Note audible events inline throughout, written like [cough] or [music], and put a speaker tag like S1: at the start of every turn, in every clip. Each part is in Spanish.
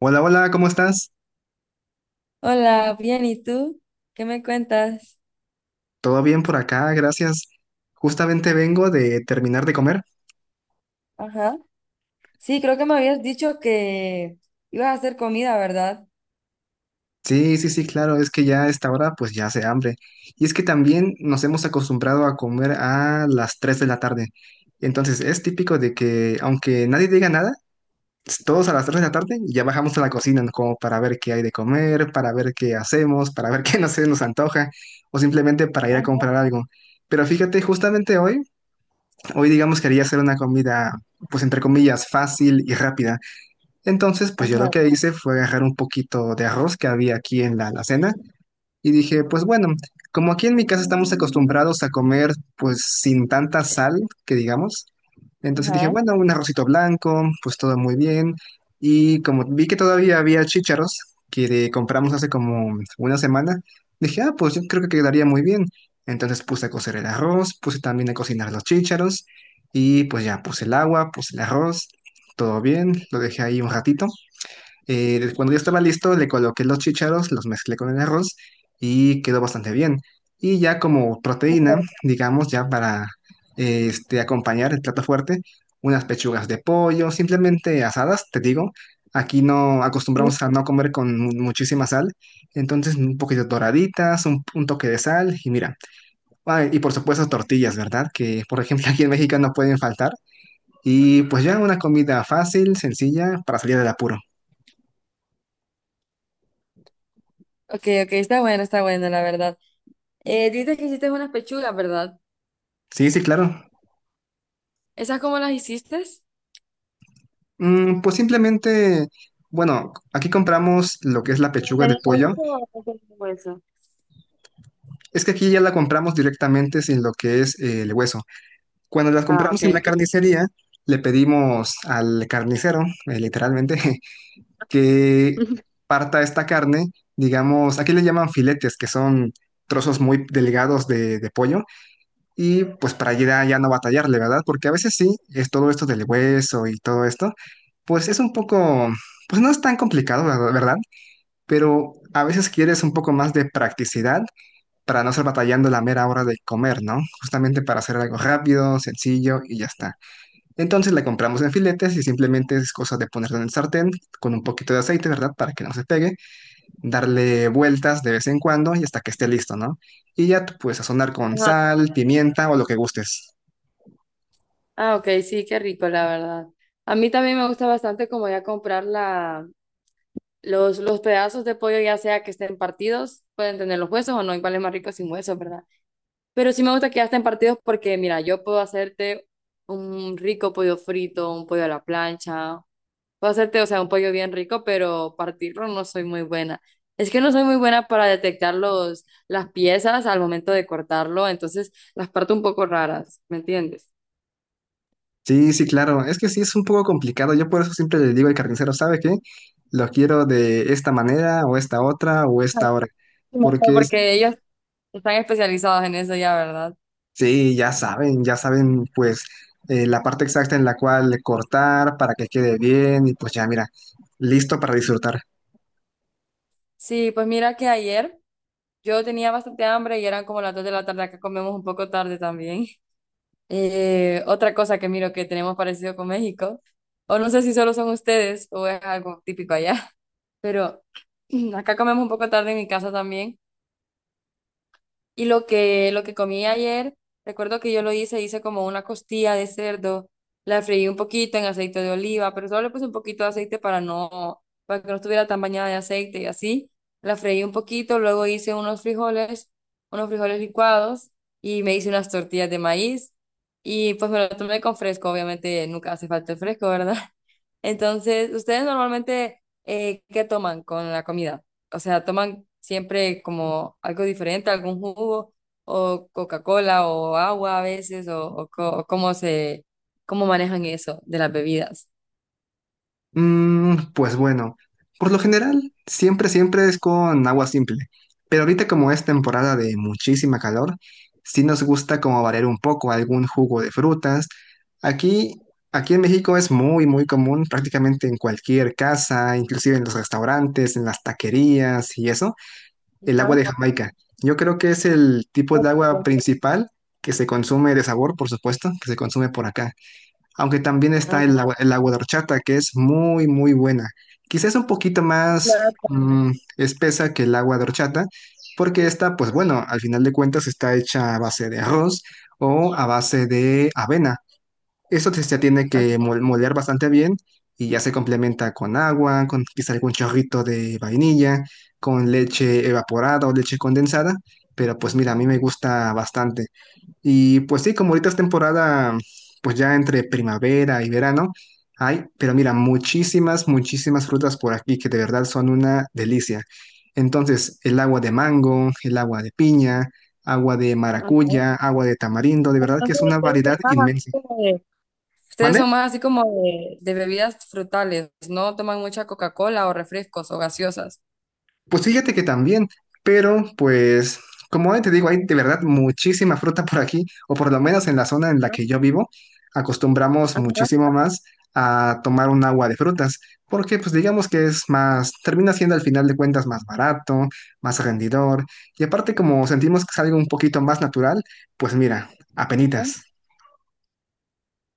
S1: Hola, hola, ¿cómo estás?
S2: Hola, bien, ¿y tú? ¿Qué me cuentas?
S1: ¿Todo bien por acá? Gracias. Justamente vengo de terminar de comer.
S2: Ajá. Sí, creo que me habías dicho que ibas a hacer comida, ¿verdad?
S1: Sí, sí, sí, claro, es que ya a esta hora pues ya hace hambre. Y es que también nos hemos acostumbrado a comer a las 3 de la tarde. Entonces es típico de que aunque nadie diga nada, todos a las 3 de la tarde ya bajamos a la cocina, ¿no? Como para ver qué hay de comer, para ver qué hacemos, para ver [laughs] qué no se nos antoja o simplemente para ir a
S2: Ajá,
S1: comprar algo. Pero fíjate, justamente hoy digamos quería hacer una comida, pues entre comillas, fácil y rápida. Entonces, pues yo lo
S2: ajá,
S1: que hice fue agarrar un poquito de arroz que había aquí en la alacena y dije, pues bueno, como aquí en mi casa estamos acostumbrados a comer pues sin tanta sal, que digamos, entonces dije,
S2: ajá.
S1: bueno, un arrocito blanco, pues todo muy bien. Y como vi que todavía había chícharos que compramos hace como una semana, dije, ah, pues yo creo que quedaría muy bien. Entonces puse a cocer el arroz, puse también a cocinar los chícharos y pues ya puse el agua, puse el arroz, todo bien, lo dejé ahí un ratito. Cuando ya estaba listo, le coloqué los chícharos, los mezclé con el arroz y quedó bastante bien. Y ya como proteína, digamos, ya para acompañar el plato fuerte, unas pechugas de pollo, simplemente asadas, te digo. Aquí no
S2: Sí.
S1: acostumbramos a no comer con muchísima sal, entonces un poquito doraditas, un toque de sal y mira. Ah, y por supuesto tortillas, ¿verdad? Que por ejemplo [laughs] aquí en México no pueden faltar. Y pues ya una comida fácil, sencilla, para salir del apuro.
S2: Ok, ok, está bueno, la verdad. Dices que hiciste unas pechugas, ¿verdad?
S1: Sí, sí, claro.
S2: ¿Esas cómo las hiciste?
S1: Pues simplemente, bueno, aquí compramos lo que es la
S2: ¿Pero
S1: pechuga de
S2: tenía hueso
S1: pollo.
S2: o no tenía hueso?
S1: Es que aquí ya la compramos directamente sin lo que es el hueso. Cuando las
S2: Ah, ok,
S1: compramos en la
S2: ok.
S1: carnicería, le pedimos al carnicero, literalmente, [laughs] que
S2: [laughs]
S1: parta esta carne, digamos, aquí le llaman filetes, que son trozos muy delgados de pollo, y pues para ya, ya no batallarle, ¿verdad? Porque a veces sí, es todo esto del hueso y todo esto, pues es un poco, pues no es tan complicado, ¿verdad? Pero a veces quieres un poco más de practicidad para no estar batallando la mera hora de comer, ¿no? Justamente para hacer algo rápido, sencillo y ya está. Entonces la compramos en filetes y simplemente es cosa de ponerlo en el sartén con un poquito de aceite, ¿verdad? Para que no se pegue, darle vueltas de vez en cuando y hasta que esté listo, ¿no? Y ya tú puedes sazonar con
S2: Ajá.
S1: sal, pimienta o lo que gustes.
S2: Ah, ok, sí, qué rico, la verdad. A mí también me gusta bastante como ya comprar los pedazos de pollo, ya sea que estén partidos, pueden tener los huesos o no, igual es más rico sin huesos, ¿verdad? Pero sí me gusta que ya estén partidos porque, mira, yo puedo hacerte un rico pollo frito, un pollo a la plancha, puedo hacerte, o sea, un pollo bien rico, pero partirlo no soy muy buena. Es que no soy muy buena para detectar las piezas al momento de cortarlo, entonces las parto un poco raras, ¿me entiendes?
S1: Sí, sí, claro. Es que sí es un poco complicado. Yo por eso siempre le digo al carnicero, ¿sabe qué? Lo quiero de esta manera o esta otra o
S2: Ah,
S1: esta hora.
S2: sí, mejor,
S1: Porque
S2: porque
S1: sí.
S2: ellos están especializados en eso ya, ¿verdad?
S1: Sí, ya saben, pues la parte exacta en la cual cortar para que quede bien y pues ya, mira, listo para disfrutar.
S2: Sí, pues mira que ayer yo tenía bastante hambre y eran como las 2 de la tarde, acá comemos un poco tarde también. [laughs] Otra cosa que miro que tenemos parecido con México, o no sé si solo son ustedes o es algo típico allá, [laughs] pero [clears throat] acá comemos un poco tarde en mi casa también y lo que comí ayer, recuerdo que hice como una costilla de cerdo, la freí un poquito en aceite de oliva, pero solo le puse un poquito de aceite para para que no estuviera tan bañada de aceite y así. La freí un poquito, luego hice unos frijoles licuados y me hice unas tortillas de maíz y pues me lo tomé con fresco, obviamente nunca hace falta el fresco, ¿verdad? Entonces, ¿ustedes normalmente qué toman con la comida? O sea, ¿toman siempre como algo diferente, algún jugo o Coca-Cola o agua a veces o cómo cómo manejan eso de las bebidas?
S1: Pues bueno, por lo general, siempre, siempre es con agua simple, pero ahorita como es temporada de muchísima calor, sí nos gusta como variar un poco algún jugo de frutas. Aquí, aquí en México es muy, muy común prácticamente en cualquier casa, inclusive en los restaurantes, en las taquerías y eso. El
S2: Ajá.
S1: agua de Jamaica. Yo creo que es el tipo de agua principal que se consume de sabor, por supuesto, que se consume por acá. Aunque también
S2: Ah,
S1: está el agua de horchata, que es muy, muy buena. Quizás un poquito más
S2: claro.
S1: mm, espesa que el agua de horchata, porque esta, pues bueno, al final de cuentas está hecha a base de arroz o a base de avena. Eso se tiene que moler bastante bien y ya se complementa con agua, con quizá algún chorrito de vainilla, con leche evaporada o leche condensada, pero pues mira, a mí me gusta bastante. Y pues sí, como ahorita es temporada, pues ya entre primavera y verano, hay, pero mira, muchísimas, muchísimas frutas por aquí que de verdad son una delicia. Entonces, el agua de mango, el agua de piña, agua de
S2: Ajá.
S1: maracuya, agua de tamarindo, de verdad que
S2: Entonces
S1: es una
S2: ustedes son
S1: variedad
S2: más así
S1: inmensa.
S2: ustedes
S1: ¿Mande?
S2: son más así como de bebidas frutales, no toman mucha Coca-Cola o refrescos o gaseosas.
S1: Pues fíjate que también, pero pues como te digo, hay de verdad muchísima fruta por aquí, o por lo menos en la zona en la
S2: ¿No?
S1: que yo vivo, acostumbramos
S2: Ajá,
S1: muchísimo más a tomar un agua de frutas, porque pues digamos que es más, termina siendo al final de cuentas más barato, más rendidor, y aparte como sentimos que es algo un poquito más natural, pues mira,
S2: sí.
S1: apenitas.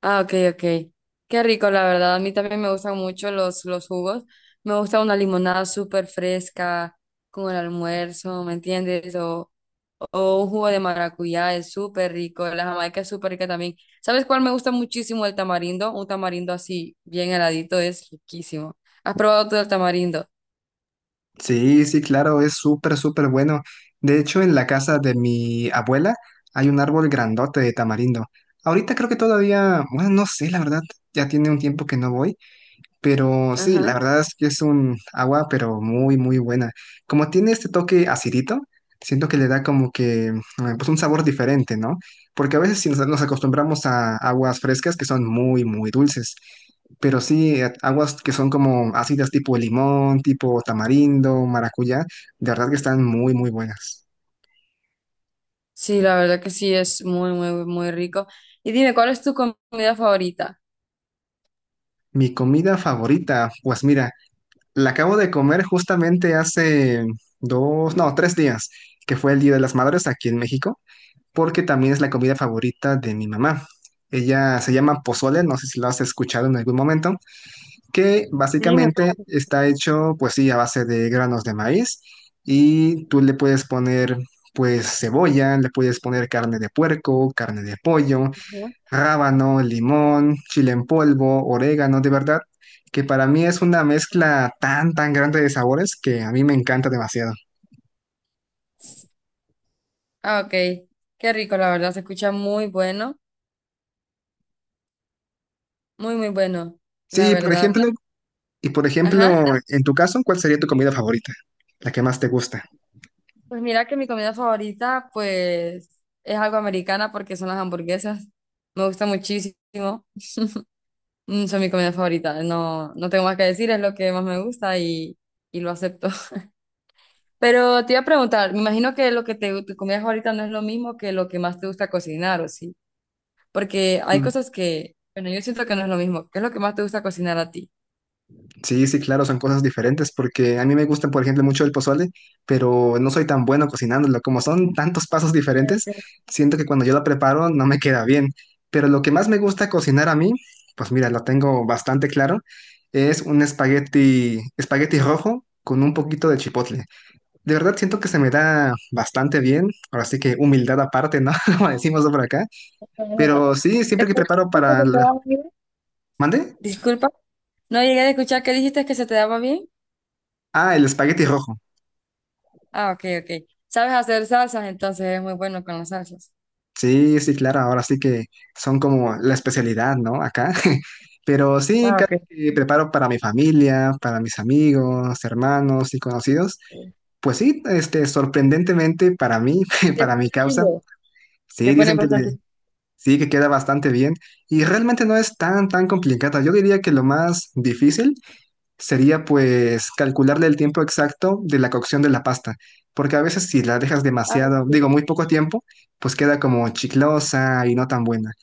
S2: Ah, ok, ok. Qué rico, la verdad. A mí también me gustan mucho los jugos. Me gusta una limonada súper fresca con el almuerzo, ¿me entiendes? O un jugo de maracuyá es súper rico. La jamaica es súper rica también. ¿Sabes cuál me gusta muchísimo? El tamarindo. Un tamarindo así, bien heladito, es riquísimo. ¿Has probado tú el tamarindo?
S1: Sí, sí, claro, es súper, súper bueno. De hecho, en la casa de mi abuela hay un árbol grandote de tamarindo. Ahorita creo que todavía, bueno, no sé, la verdad, ya tiene un tiempo que no voy, pero sí, la
S2: Ajá.
S1: verdad es que es un agua, pero muy, muy buena. Como tiene este toque acidito, siento que le da como que pues un sabor diferente, ¿no? Porque a veces si nos acostumbramos a aguas frescas que son muy, muy dulces. Pero sí, aguas que son como ácidas tipo limón, tipo tamarindo, maracuyá, de verdad que están muy, muy buenas.
S2: Sí, la verdad que sí, es muy, muy, muy rico. Y dime, ¿cuál es tu comida favorita?
S1: Mi comida favorita, pues mira, la acabo de comer justamente hace dos, no, 3 días, que fue el Día de las Madres aquí en México. Porque también es la comida favorita de mi mamá. Ella se llama pozole, no sé si lo has escuchado en algún momento, que
S2: Sí, me
S1: básicamente
S2: parece.
S1: está hecho, pues sí, a base de granos de maíz y tú le puedes poner, pues, cebolla, le puedes poner carne de puerco, carne de pollo, rábano, limón, chile en polvo, orégano, de verdad, que para mí es una mezcla tan grande de sabores que a mí me encanta demasiado.
S2: Ah, ok. Qué rico, la verdad. Se escucha muy bueno. Muy, muy bueno, la
S1: Sí, por
S2: verdad.
S1: ejemplo. Y por
S2: Ajá.
S1: ejemplo, en tu caso, ¿cuál sería tu comida favorita? La que más te gusta.
S2: Pues mira que mi comida favorita, pues, es algo americana porque son las hamburguesas. Me gusta muchísimo. Mm, son mi comida favorita. No tengo más que decir, es lo que más me gusta y lo acepto. Pero te iba a preguntar, me imagino que lo que te comías ahorita no es lo mismo que lo que más te gusta cocinar, ¿o sí? Porque hay
S1: Mm.
S2: cosas que, bueno, yo siento que no es lo mismo. ¿Qué es lo que más te gusta cocinar a ti?
S1: Sí, sí, claro, son cosas diferentes porque a mí me gusta, por ejemplo, mucho el pozole, pero no soy tan bueno cocinándolo. Como son tantos pasos
S2: Eh,
S1: diferentes,
S2: pero,
S1: siento que cuando yo lo preparo no me queda bien. Pero lo que más me gusta cocinar a mí, pues mira, lo tengo bastante claro, es un espagueti, espagueti rojo con un poquito de chipotle. De verdad siento que se me da bastante bien, ahora sí que humildad aparte, ¿no? [laughs] Como decimos por acá.
S2: eh,
S1: Pero sí,
S2: ¿Te
S1: siempre que
S2: acuerdas que
S1: preparo
S2: se
S1: para
S2: te
S1: la...
S2: daba muy bien?
S1: ¿Mande?
S2: Disculpa, no llegué a escuchar que dijiste que se te daba bien.
S1: Ah, el espagueti rojo.
S2: Ah, ok, ok. ¿Sabes hacer salsas? Entonces es muy bueno con las salsas.
S1: Sí, sí, claro, ahora sí que son como la especialidad, ¿no? Acá. [laughs] Pero sí,
S2: Ah,
S1: cada
S2: ok.
S1: que preparo para mi familia, para mis amigos, hermanos y conocidos, pues sí, sorprendentemente para mí, [laughs]
S2: Le
S1: para mi
S2: pones
S1: causa,
S2: chile.
S1: sí,
S2: Le pones
S1: dicen que le-,
S2: bastante.
S1: sí, que queda bastante bien y realmente no es tan, tan complicada. Yo diría que lo más difícil sería pues calcularle el tiempo exacto de la cocción de la pasta, porque a veces si la dejas
S2: Ah,
S1: demasiado,
S2: sí.
S1: digo, muy poco tiempo, pues queda como chiclosa y no tan buena.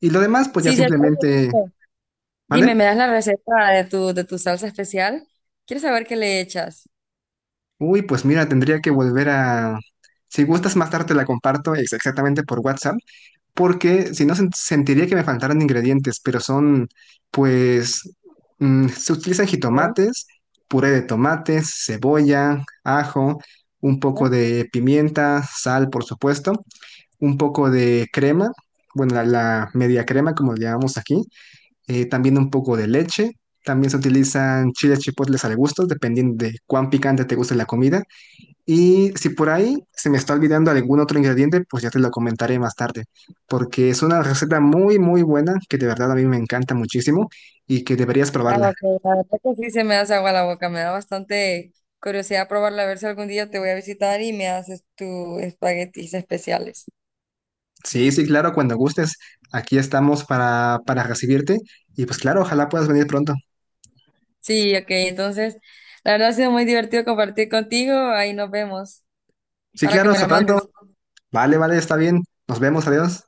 S1: Y lo demás, pues ya
S2: Sí, cierto.
S1: simplemente,
S2: Dime,
S1: ¿vale?
S2: ¿me das la receta de de tu salsa especial? Quiero saber qué le echas.
S1: Uy, pues mira, tendría que volver a... Si gustas más tarde te la comparto exactamente por WhatsApp porque si no sentiría que me faltaran ingredientes, pero son, pues, se utilizan
S2: Sí,
S1: jitomates, puré de tomates, cebolla, ajo, un poco
S2: sí.
S1: de pimienta, sal, por supuesto, un poco de crema, bueno, la media crema, como le llamamos aquí, también un poco de leche. También se utilizan chiles chipotles al gusto, dependiendo de cuán picante te guste la comida. Y si por ahí se me está olvidando algún otro ingrediente, pues ya te lo comentaré más tarde, porque es una receta muy, muy buena que de verdad a mí me encanta muchísimo y que deberías
S2: Ah,
S1: probarla.
S2: ok, la verdad que sí se me hace agua la boca, me da bastante curiosidad probarla, a ver si algún día te voy a visitar y me haces tus espaguetis especiales.
S1: Sí, sí, claro, cuando gustes, aquí estamos para recibirte y pues claro, ojalá puedas venir pronto.
S2: Sí, ok, entonces, la verdad ha sido muy divertido compartir contigo, ahí nos vemos
S1: Sí,
S2: para que
S1: claro,
S2: me
S1: hasta
S2: la mandes.
S1: pronto. Vale, vale, está bien. Nos vemos, adiós.